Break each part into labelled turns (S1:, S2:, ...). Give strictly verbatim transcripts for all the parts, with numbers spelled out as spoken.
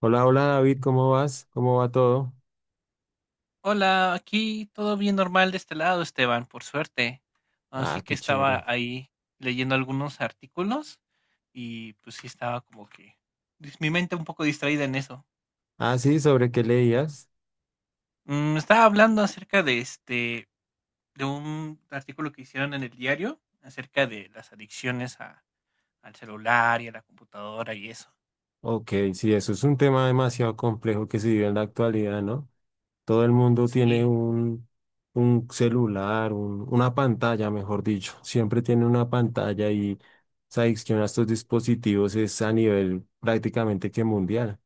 S1: Hola, hola David, ¿cómo vas? ¿Cómo va todo?
S2: Hola, aquí todo bien normal de este lado, Esteban, por suerte. Así
S1: Ah,
S2: que
S1: qué chévere.
S2: estaba ahí leyendo algunos artículos y pues sí estaba como que dis- mi mente un poco distraída en eso.
S1: Ah, sí, ¿sobre qué leías?
S2: Mm, estaba hablando acerca de este, de un artículo que hicieron en el diario acerca de las adicciones a- al celular y a la computadora y eso.
S1: Ok, sí, eso es un tema demasiado complejo que se vive en la actualidad, ¿no? Todo el mundo tiene
S2: Sí.
S1: un, un celular, un- una pantalla, mejor dicho. Siempre tiene una pantalla y sabes que estos dispositivos es a nivel prácticamente que mundial.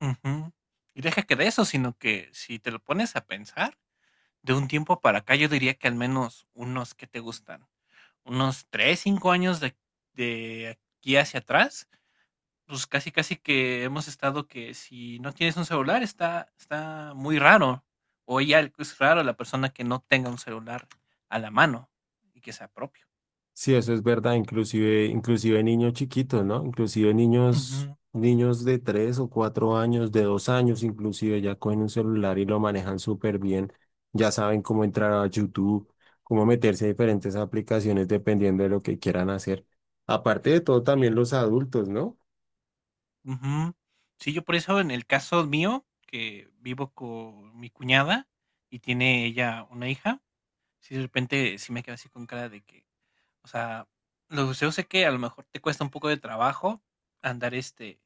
S2: Ujú. Y deja que de eso, sino que si te lo pones a pensar, de un tiempo para acá yo diría que al menos unos que te gustan. Unos tres cinco años de de aquí hacia atrás, pues, casi, casi que hemos estado que si no tienes un celular está está muy raro, o ya es raro la persona que no tenga un celular a la mano y que sea propio.
S1: Sí, eso es verdad, inclusive, inclusive niños chiquitos, ¿no? Inclusive niños,
S2: Ujú,
S1: niños de tres o cuatro años, de dos años, inclusive ya cogen un celular y lo manejan súper bien. Ya saben cómo entrar a YouTube, cómo meterse a diferentes aplicaciones dependiendo de lo que quieran hacer. Aparte de todo, también
S2: sí,
S1: los adultos, ¿no?
S2: ujú. Sí, yo por eso en el caso mío, que vivo con mi cuñada y tiene ella una hija, si de repente sí me quedo así con cara de que, o sea, los museos sé que a lo mejor te cuesta un poco de trabajo andar, este,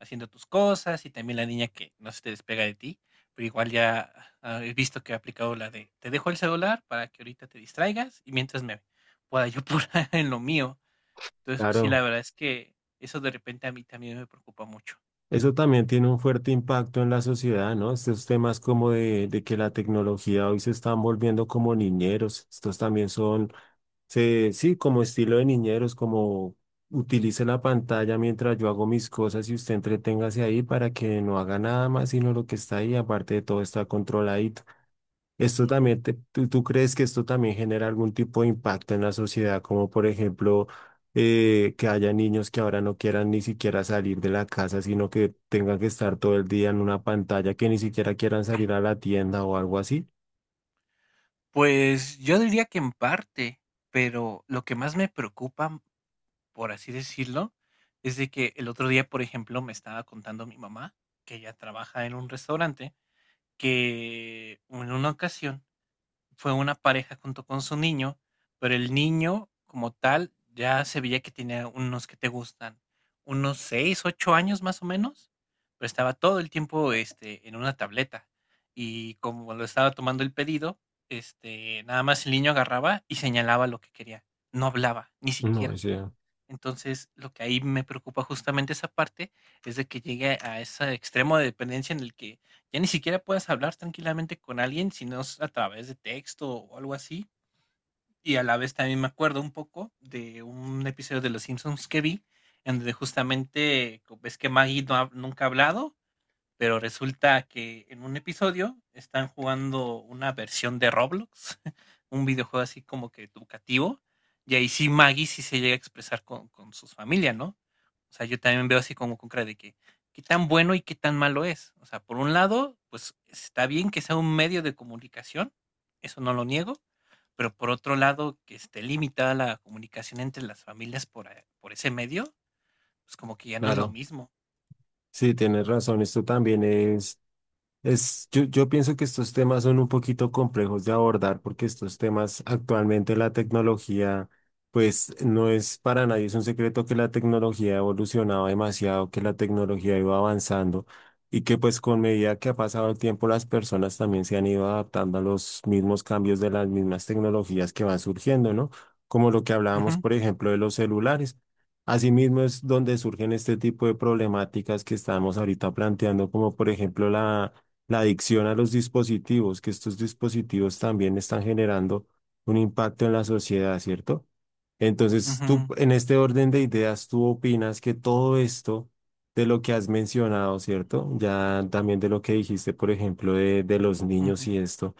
S2: haciendo tus cosas y también la niña que no se te despega de ti, pero igual ya ah, he visto que ha aplicado la de te dejo el celular para que ahorita te distraigas y mientras me pueda yo apurar en lo mío. Entonces, pues sí, la
S1: Claro,
S2: verdad es que eso de repente a mí también me preocupa mucho.
S1: eso también tiene un fuerte impacto en la sociedad, ¿no? Estos temas como de, de que la tecnología hoy se están volviendo como niñeros, estos también son. Se, sí, como estilo de niñeros, como utilice la pantalla mientras yo hago mis cosas y usted entreténgase ahí para que no haga nada más sino lo que está ahí, aparte de todo está controladito. Esto
S2: Ujú.
S1: también, te- tú, tú crees que esto también genera algún tipo de impacto en la sociedad, como por ejemplo eh, que haya niños que ahora no quieran ni siquiera salir de la casa, sino que tengan que estar todo el día en una pantalla, que ni siquiera quieran salir a la tienda o algo así.
S2: Pues yo diría que en parte, pero lo que más me preocupa por así decirlo, es de que el otro día, por ejemplo, me estaba contando mi mamá, que ella trabaja en un restaurante, que en una ocasión fue una pareja junto con su niño, pero el niño como tal ya se veía que tenía unos que te gustan, unos seis ocho años más o menos, pero estaba todo el tiempo, este, en una tableta. Y como lo estaba tomando el pedido, este, nada más el niño agarraba y señalaba lo que quería. No hablaba, ni
S1: No,
S2: siquiera.
S1: sí,
S2: Entonces, lo que ahí me preocupa justamente esa parte es de que llegue a ese extremo de dependencia en el que ya ni siquiera puedas hablar tranquilamente con alguien, sino es a través de texto o algo así. Y a la vez también me acuerdo un poco de un episodio de Los Simpsons que vi, en donde justamente co- ves que Maggie no ha- nunca ha hablado, pero resulta que en un episodio están jugando una versión de Roblox, un videojuego así como que educativo, y ahí sí Maggie sí se llega a expresar con, con sus familias, ¿no? O sea, yo también veo así como con cara de que qué tan bueno y qué tan malo es. O sea, por un lado, pues está bien que sea un medio de comunicación, eso no lo niego, pero por otro lado, que esté limitada la comunicación entre las familias por, eh, por ese medio, pues como que ya no es lo
S1: claro.
S2: mismo.
S1: Sí, tienes razón, esto también es. Es, yo, yo pienso que estos temas son un poquito complejos de abordar porque estos temas actualmente la tecnología, pues no es para nadie, es un secreto que la tecnología ha evolucionado demasiado, que la tecnología iba avanzando y que pues con medida que ha pasado el tiempo las personas también se han ido adaptando a los mismos cambios de las mismas tecnologías que van surgiendo, ¿no? Como lo que hablábamos,
S2: Ujú,
S1: por ejemplo, de los celulares. Asimismo es donde surgen este tipo de problemáticas que estamos ahorita planteando, como por ejemplo la la adicción a los dispositivos, que estos dispositivos también están generando un impacto en la sociedad, ¿cierto? Entonces, tú,
S2: ujú,
S1: en este orden de ideas, tú opinas que todo esto de lo que has mencionado, ¿cierto? Ya también de lo que dijiste, por ejemplo, de, de los niños
S2: ujú.
S1: y esto.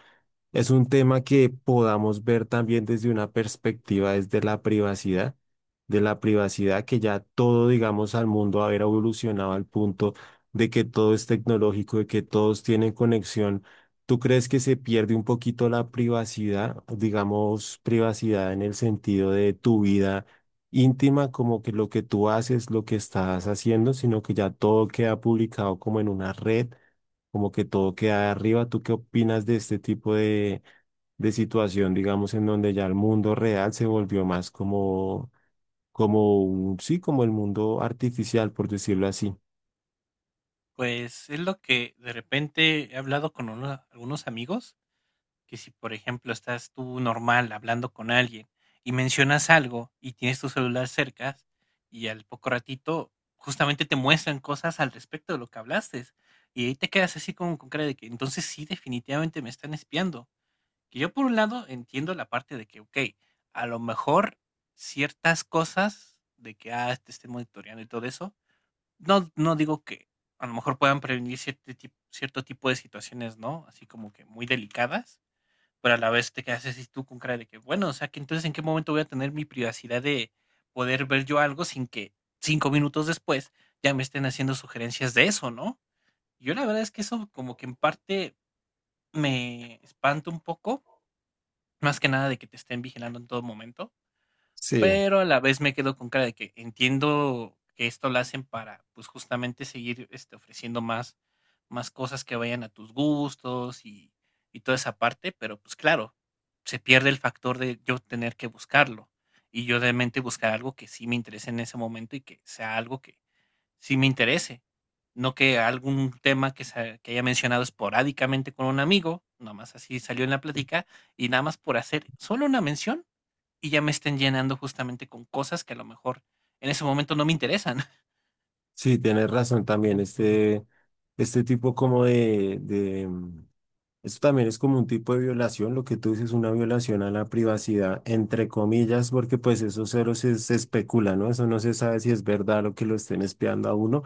S1: Es un tema que podamos ver también desde una perspectiva, desde la privacidad, de la privacidad que ya todo, digamos, al mundo haber evolucionado al punto de que todo es tecnológico, de que todos tienen conexión. ¿Tú crees que se pierde un poquito la privacidad, digamos, privacidad en el sentido de tu vida íntima, como que lo que tú haces, lo que estás haciendo, sino que ya todo queda publicado como en una red? Como que todo queda arriba. ¿Tú qué opinas de este tipo de, de situación, digamos, en donde ya el mundo real se volvió más como, como un, sí, como el mundo artificial, por decirlo así?
S2: Pues, es lo que de repente he hablado con una algunos amigos, que si, por ejemplo, estás tú normal hablando con alguien y mencionas algo y tienes tu celular cerca, y al poco ratito justamente te muestran cosas al respecto de lo que hablaste, y ahí te quedas así como con cara de que entonces sí, definitivamente me están espiando. Que yo por un lado entiendo la parte de que, okey, a lo mejor ciertas cosas de que, ah, te estén monitoreando y todo eso, no no digo que a lo mejor puedan prevenir cierte tip cierto tipo de situaciones, ¿no? Así como que muy delicadas, pero a la vez te quedas así tú con cara de que, bueno, o sea, que entonces, ¿en qué momento voy a tener mi privacidad de poder ver yo algo sin que cinco minutos después ya me estén haciendo sugerencias de eso, no? Yo la verdad es que eso como que en parte me espanta un poco, más que nada de que te estén vigilando en todo momento,
S1: Sí,
S2: pero a la vez me quedo con cara de que entiendo que esto lo hacen para, pues, justamente seguir, este, ofreciendo más más cosas que vayan a tus gustos y y toda esa parte, pero, pues, claro, se pierde el factor de yo tener que buscarlo, y yo realmente buscar algo que sí me interese en ese momento y que sea algo que sí me interese, no que algún tema que se que haya mencionado esporádicamente con un amigo, nada más así salió en la plática, y nada más por hacer solo una mención, y ya me estén llenando justamente con cosas que a lo mejor en ese momento no me interesan.
S1: sí, tienes razón también. Este, este tipo como de, de, mm, esto también es como un tipo de violación, lo que tú dices, una violación a la privacidad, entre comillas, porque pues eso cero se, se especula, ¿no? Eso no se sabe si es verdad lo que lo estén espiando a uno,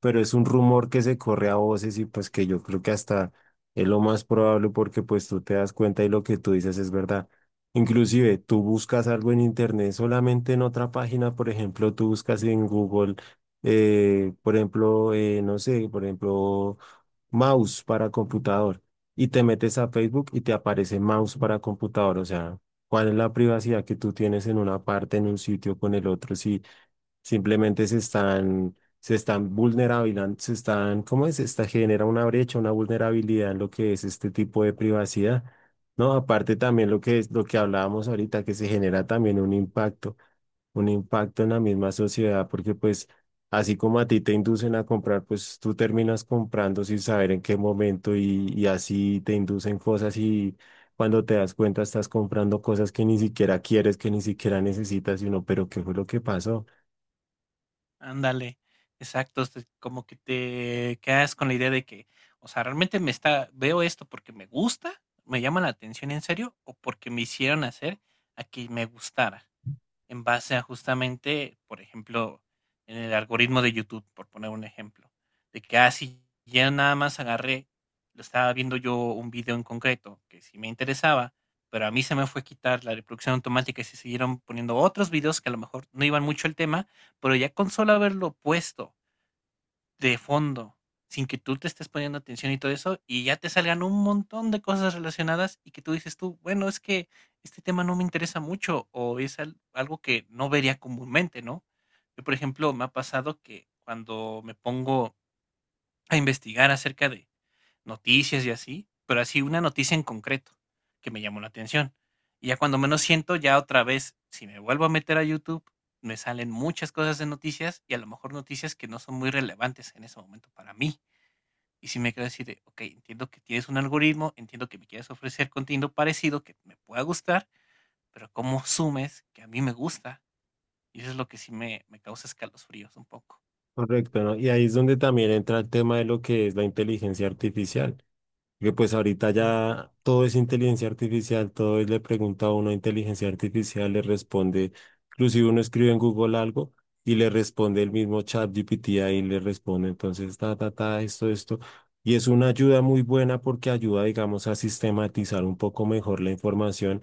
S1: pero es un rumor que se corre a voces y pues que yo creo que hasta es lo más probable porque pues tú te das cuenta y lo que tú dices es verdad. Inclusive tú buscas algo en internet solamente en otra página, por ejemplo, tú buscas en Google, eh, por ejemplo, eh, no sé, por ejemplo, mouse para computador, y te metes a Facebook y te aparece mouse para computador, o sea, ¿cuál es la privacidad que tú tienes en una parte, en un sitio con el otro? Si simplemente se están, se están vulnerabilizando, se están, ¿cómo es? Esta genera una brecha, una vulnerabilidad en lo que es este tipo de privacidad, ¿no? Aparte también lo que es, lo que hablábamos ahorita, que se genera también un impacto, un impacto en la misma sociedad, porque pues así como a ti te inducen a comprar, pues tú terminas comprando sin saber en qué momento y, y así te inducen cosas y cuando te das cuenta estás comprando cosas que ni siquiera quieres, que ni siquiera necesitas, y uno, pero ¿qué fue lo que pasó?
S2: Ándale, exacto, este, como que te quedas con la idea de que, o sea, realmente me está, veo esto porque me gusta, me llama la atención en serio, o porque me hicieron hacer a que me gustara. En base a justamente, por ejemplo, en el algoritmo de YouTube, por poner un ejemplo, de que, así ya nada más agarré, lo estaba viendo yo un video en concreto que sí me interesaba, pero a mí se me fue quitar la reproducción automática y se siguieron poniendo otros videos que a lo mejor no iban mucho al tema, pero ya con solo haberlo puesto de fondo, sin que tú te estés poniendo atención y todo eso, y ya te salgan un montón de cosas relacionadas y que tú dices tú, bueno, es que este tema no me interesa mucho o es al- algo que no vería comúnmente, ¿no? Yo, por ejemplo, me ha pasado que cuando me pongo a investigar acerca de noticias y así, pero así una noticia en concreto que me llamó la atención. Y ya cuando menos siento, ya otra vez, si me vuelvo a meter a YouTube, me salen muchas cosas de noticias y a lo mejor noticias que no son muy relevantes en ese momento para mí. Y si me quedo así de, ok, entiendo que tienes un algoritmo, entiendo que me quieres ofrecer contenido parecido que me pueda gustar, pero ¿cómo sumes que a mí me gusta? Y eso es lo que sí me, me causa escalofríos un poco.
S1: Correcto, ¿no? Y ahí es donde también entra el tema de lo que es la inteligencia artificial, que pues ahorita
S2: Ujú.
S1: ya todo es inteligencia artificial, todo es le pregunta a uno a inteligencia artificial, le responde, inclusive uno escribe en Google algo y le responde el mismo chat G P T ahí le responde, entonces, ta, ta, ta, esto, esto. Y es una ayuda muy buena porque ayuda, digamos, a sistematizar un poco mejor la información,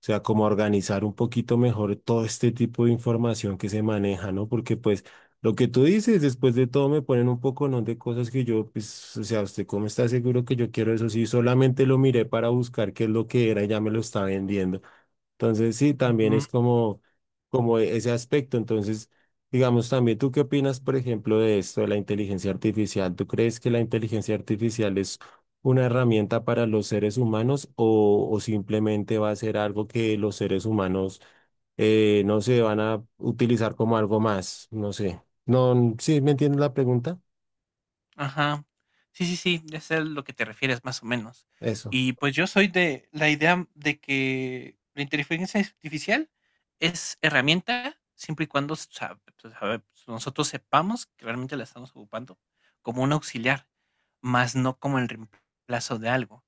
S1: o sea, como organizar un poquito mejor todo este tipo de información que se maneja, ¿no? Porque pues lo que tú dices, después de todo me ponen un poco, ¿no? de cosas que yo, pues, o sea, ¿usted cómo está seguro que yo quiero eso? Sí, solamente lo miré para buscar qué es lo que era y ya me lo está vendiendo. Entonces, sí, también es
S2: Ujú.
S1: como, como e- ese aspecto. Entonces, digamos, también tú qué opinas, por ejemplo, de esto de la inteligencia artificial. ¿Tú crees que la inteligencia artificial es una herramienta para los seres humanos o, o simplemente va a ser algo que los seres humanos, eh, no sé, van a utilizar como algo más? No sé. No, ¿sí me entiendes la pregunta?
S2: Ajá. Sí, sí, sí, ya sé a lo que te refieres más o menos.
S1: Eso.
S2: Y pues yo soy de la idea mm, de que la inteligencia artificial es herramienta siempre y cuando sa- pues, sabe- nosotros sepamos que realmente la estamos ocupando como un auxiliar, más no como el reemplazo de algo.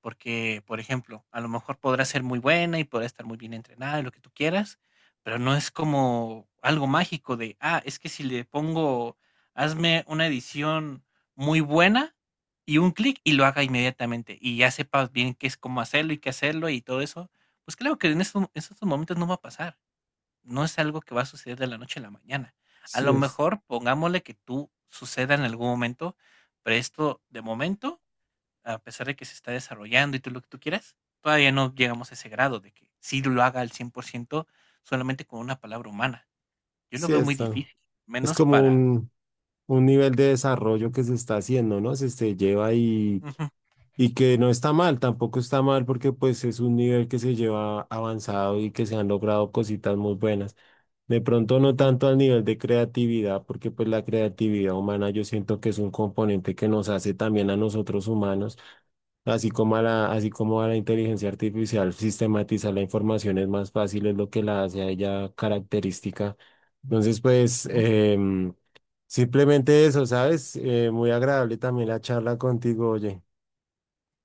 S2: Porque, por ejemplo, a lo mejor podrá ser muy buena y podrá estar muy bien entrenada y lo que tú quieras, pero no es como algo mágico de, ah, es que si le pongo, hazme una edición muy buena y un clic y lo haga inmediatamente y ya sepas bien qué es cómo hacerlo y qué hacerlo y todo eso. Pues claro que en estos, en estos momentos no va a pasar. No es algo que va a suceder de la noche a la mañana. A
S1: Sí
S2: lo
S1: es.
S2: mejor pongámosle que tú suceda en algún momento, pero esto de momento a pesar de que se está desarrollando y todo lo que tú quieras, todavía no llegamos a ese grado de que sí lo haga al cien por ciento solamente con una palabra humana. Yo lo
S1: Sí
S2: veo muy
S1: es. ah,
S2: difícil,
S1: Es
S2: menos
S1: como
S2: para...
S1: un, un nivel de desarrollo que se está haciendo, ¿no? Se, se lleva ahí.
S2: Ujú,
S1: Y que no está mal, tampoco está mal porque pues es un nivel que se lleva avanzado y que se han logrado cositas muy buenas. De pronto no
S2: ujú,
S1: tanto al nivel de creatividad, porque pues la creatividad humana yo siento que es un componente que nos hace también a nosotros humanos, así como a la, así como a la inteligencia artificial, sistematizar la información es más fácil, es lo que la hace a ella característica. Entonces pues
S2: ujú,
S1: em, simplemente eso, ¿sabes? Eh, muy agradable también la charla contigo, oye.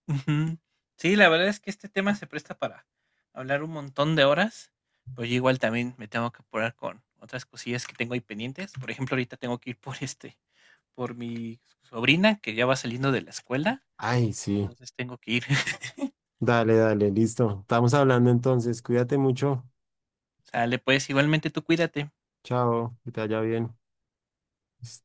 S2: ujú. Sí, la verdad es que este tema se presta para hablar un montón de horas, pero yo igual también me tengo que apurar con otras cosillas que tengo ahí pendientes. Por ejemplo, ahorita tengo que ir por este, por mi sobrina que ya va saliendo de la escuela,
S1: Ay, sí.
S2: entonces tengo que ir.
S1: Dale, dale, listo. Estamos hablando entonces. Cuídate mucho.
S2: Sale, pues igualmente tú cuídate.
S1: Chao, que te vaya bien.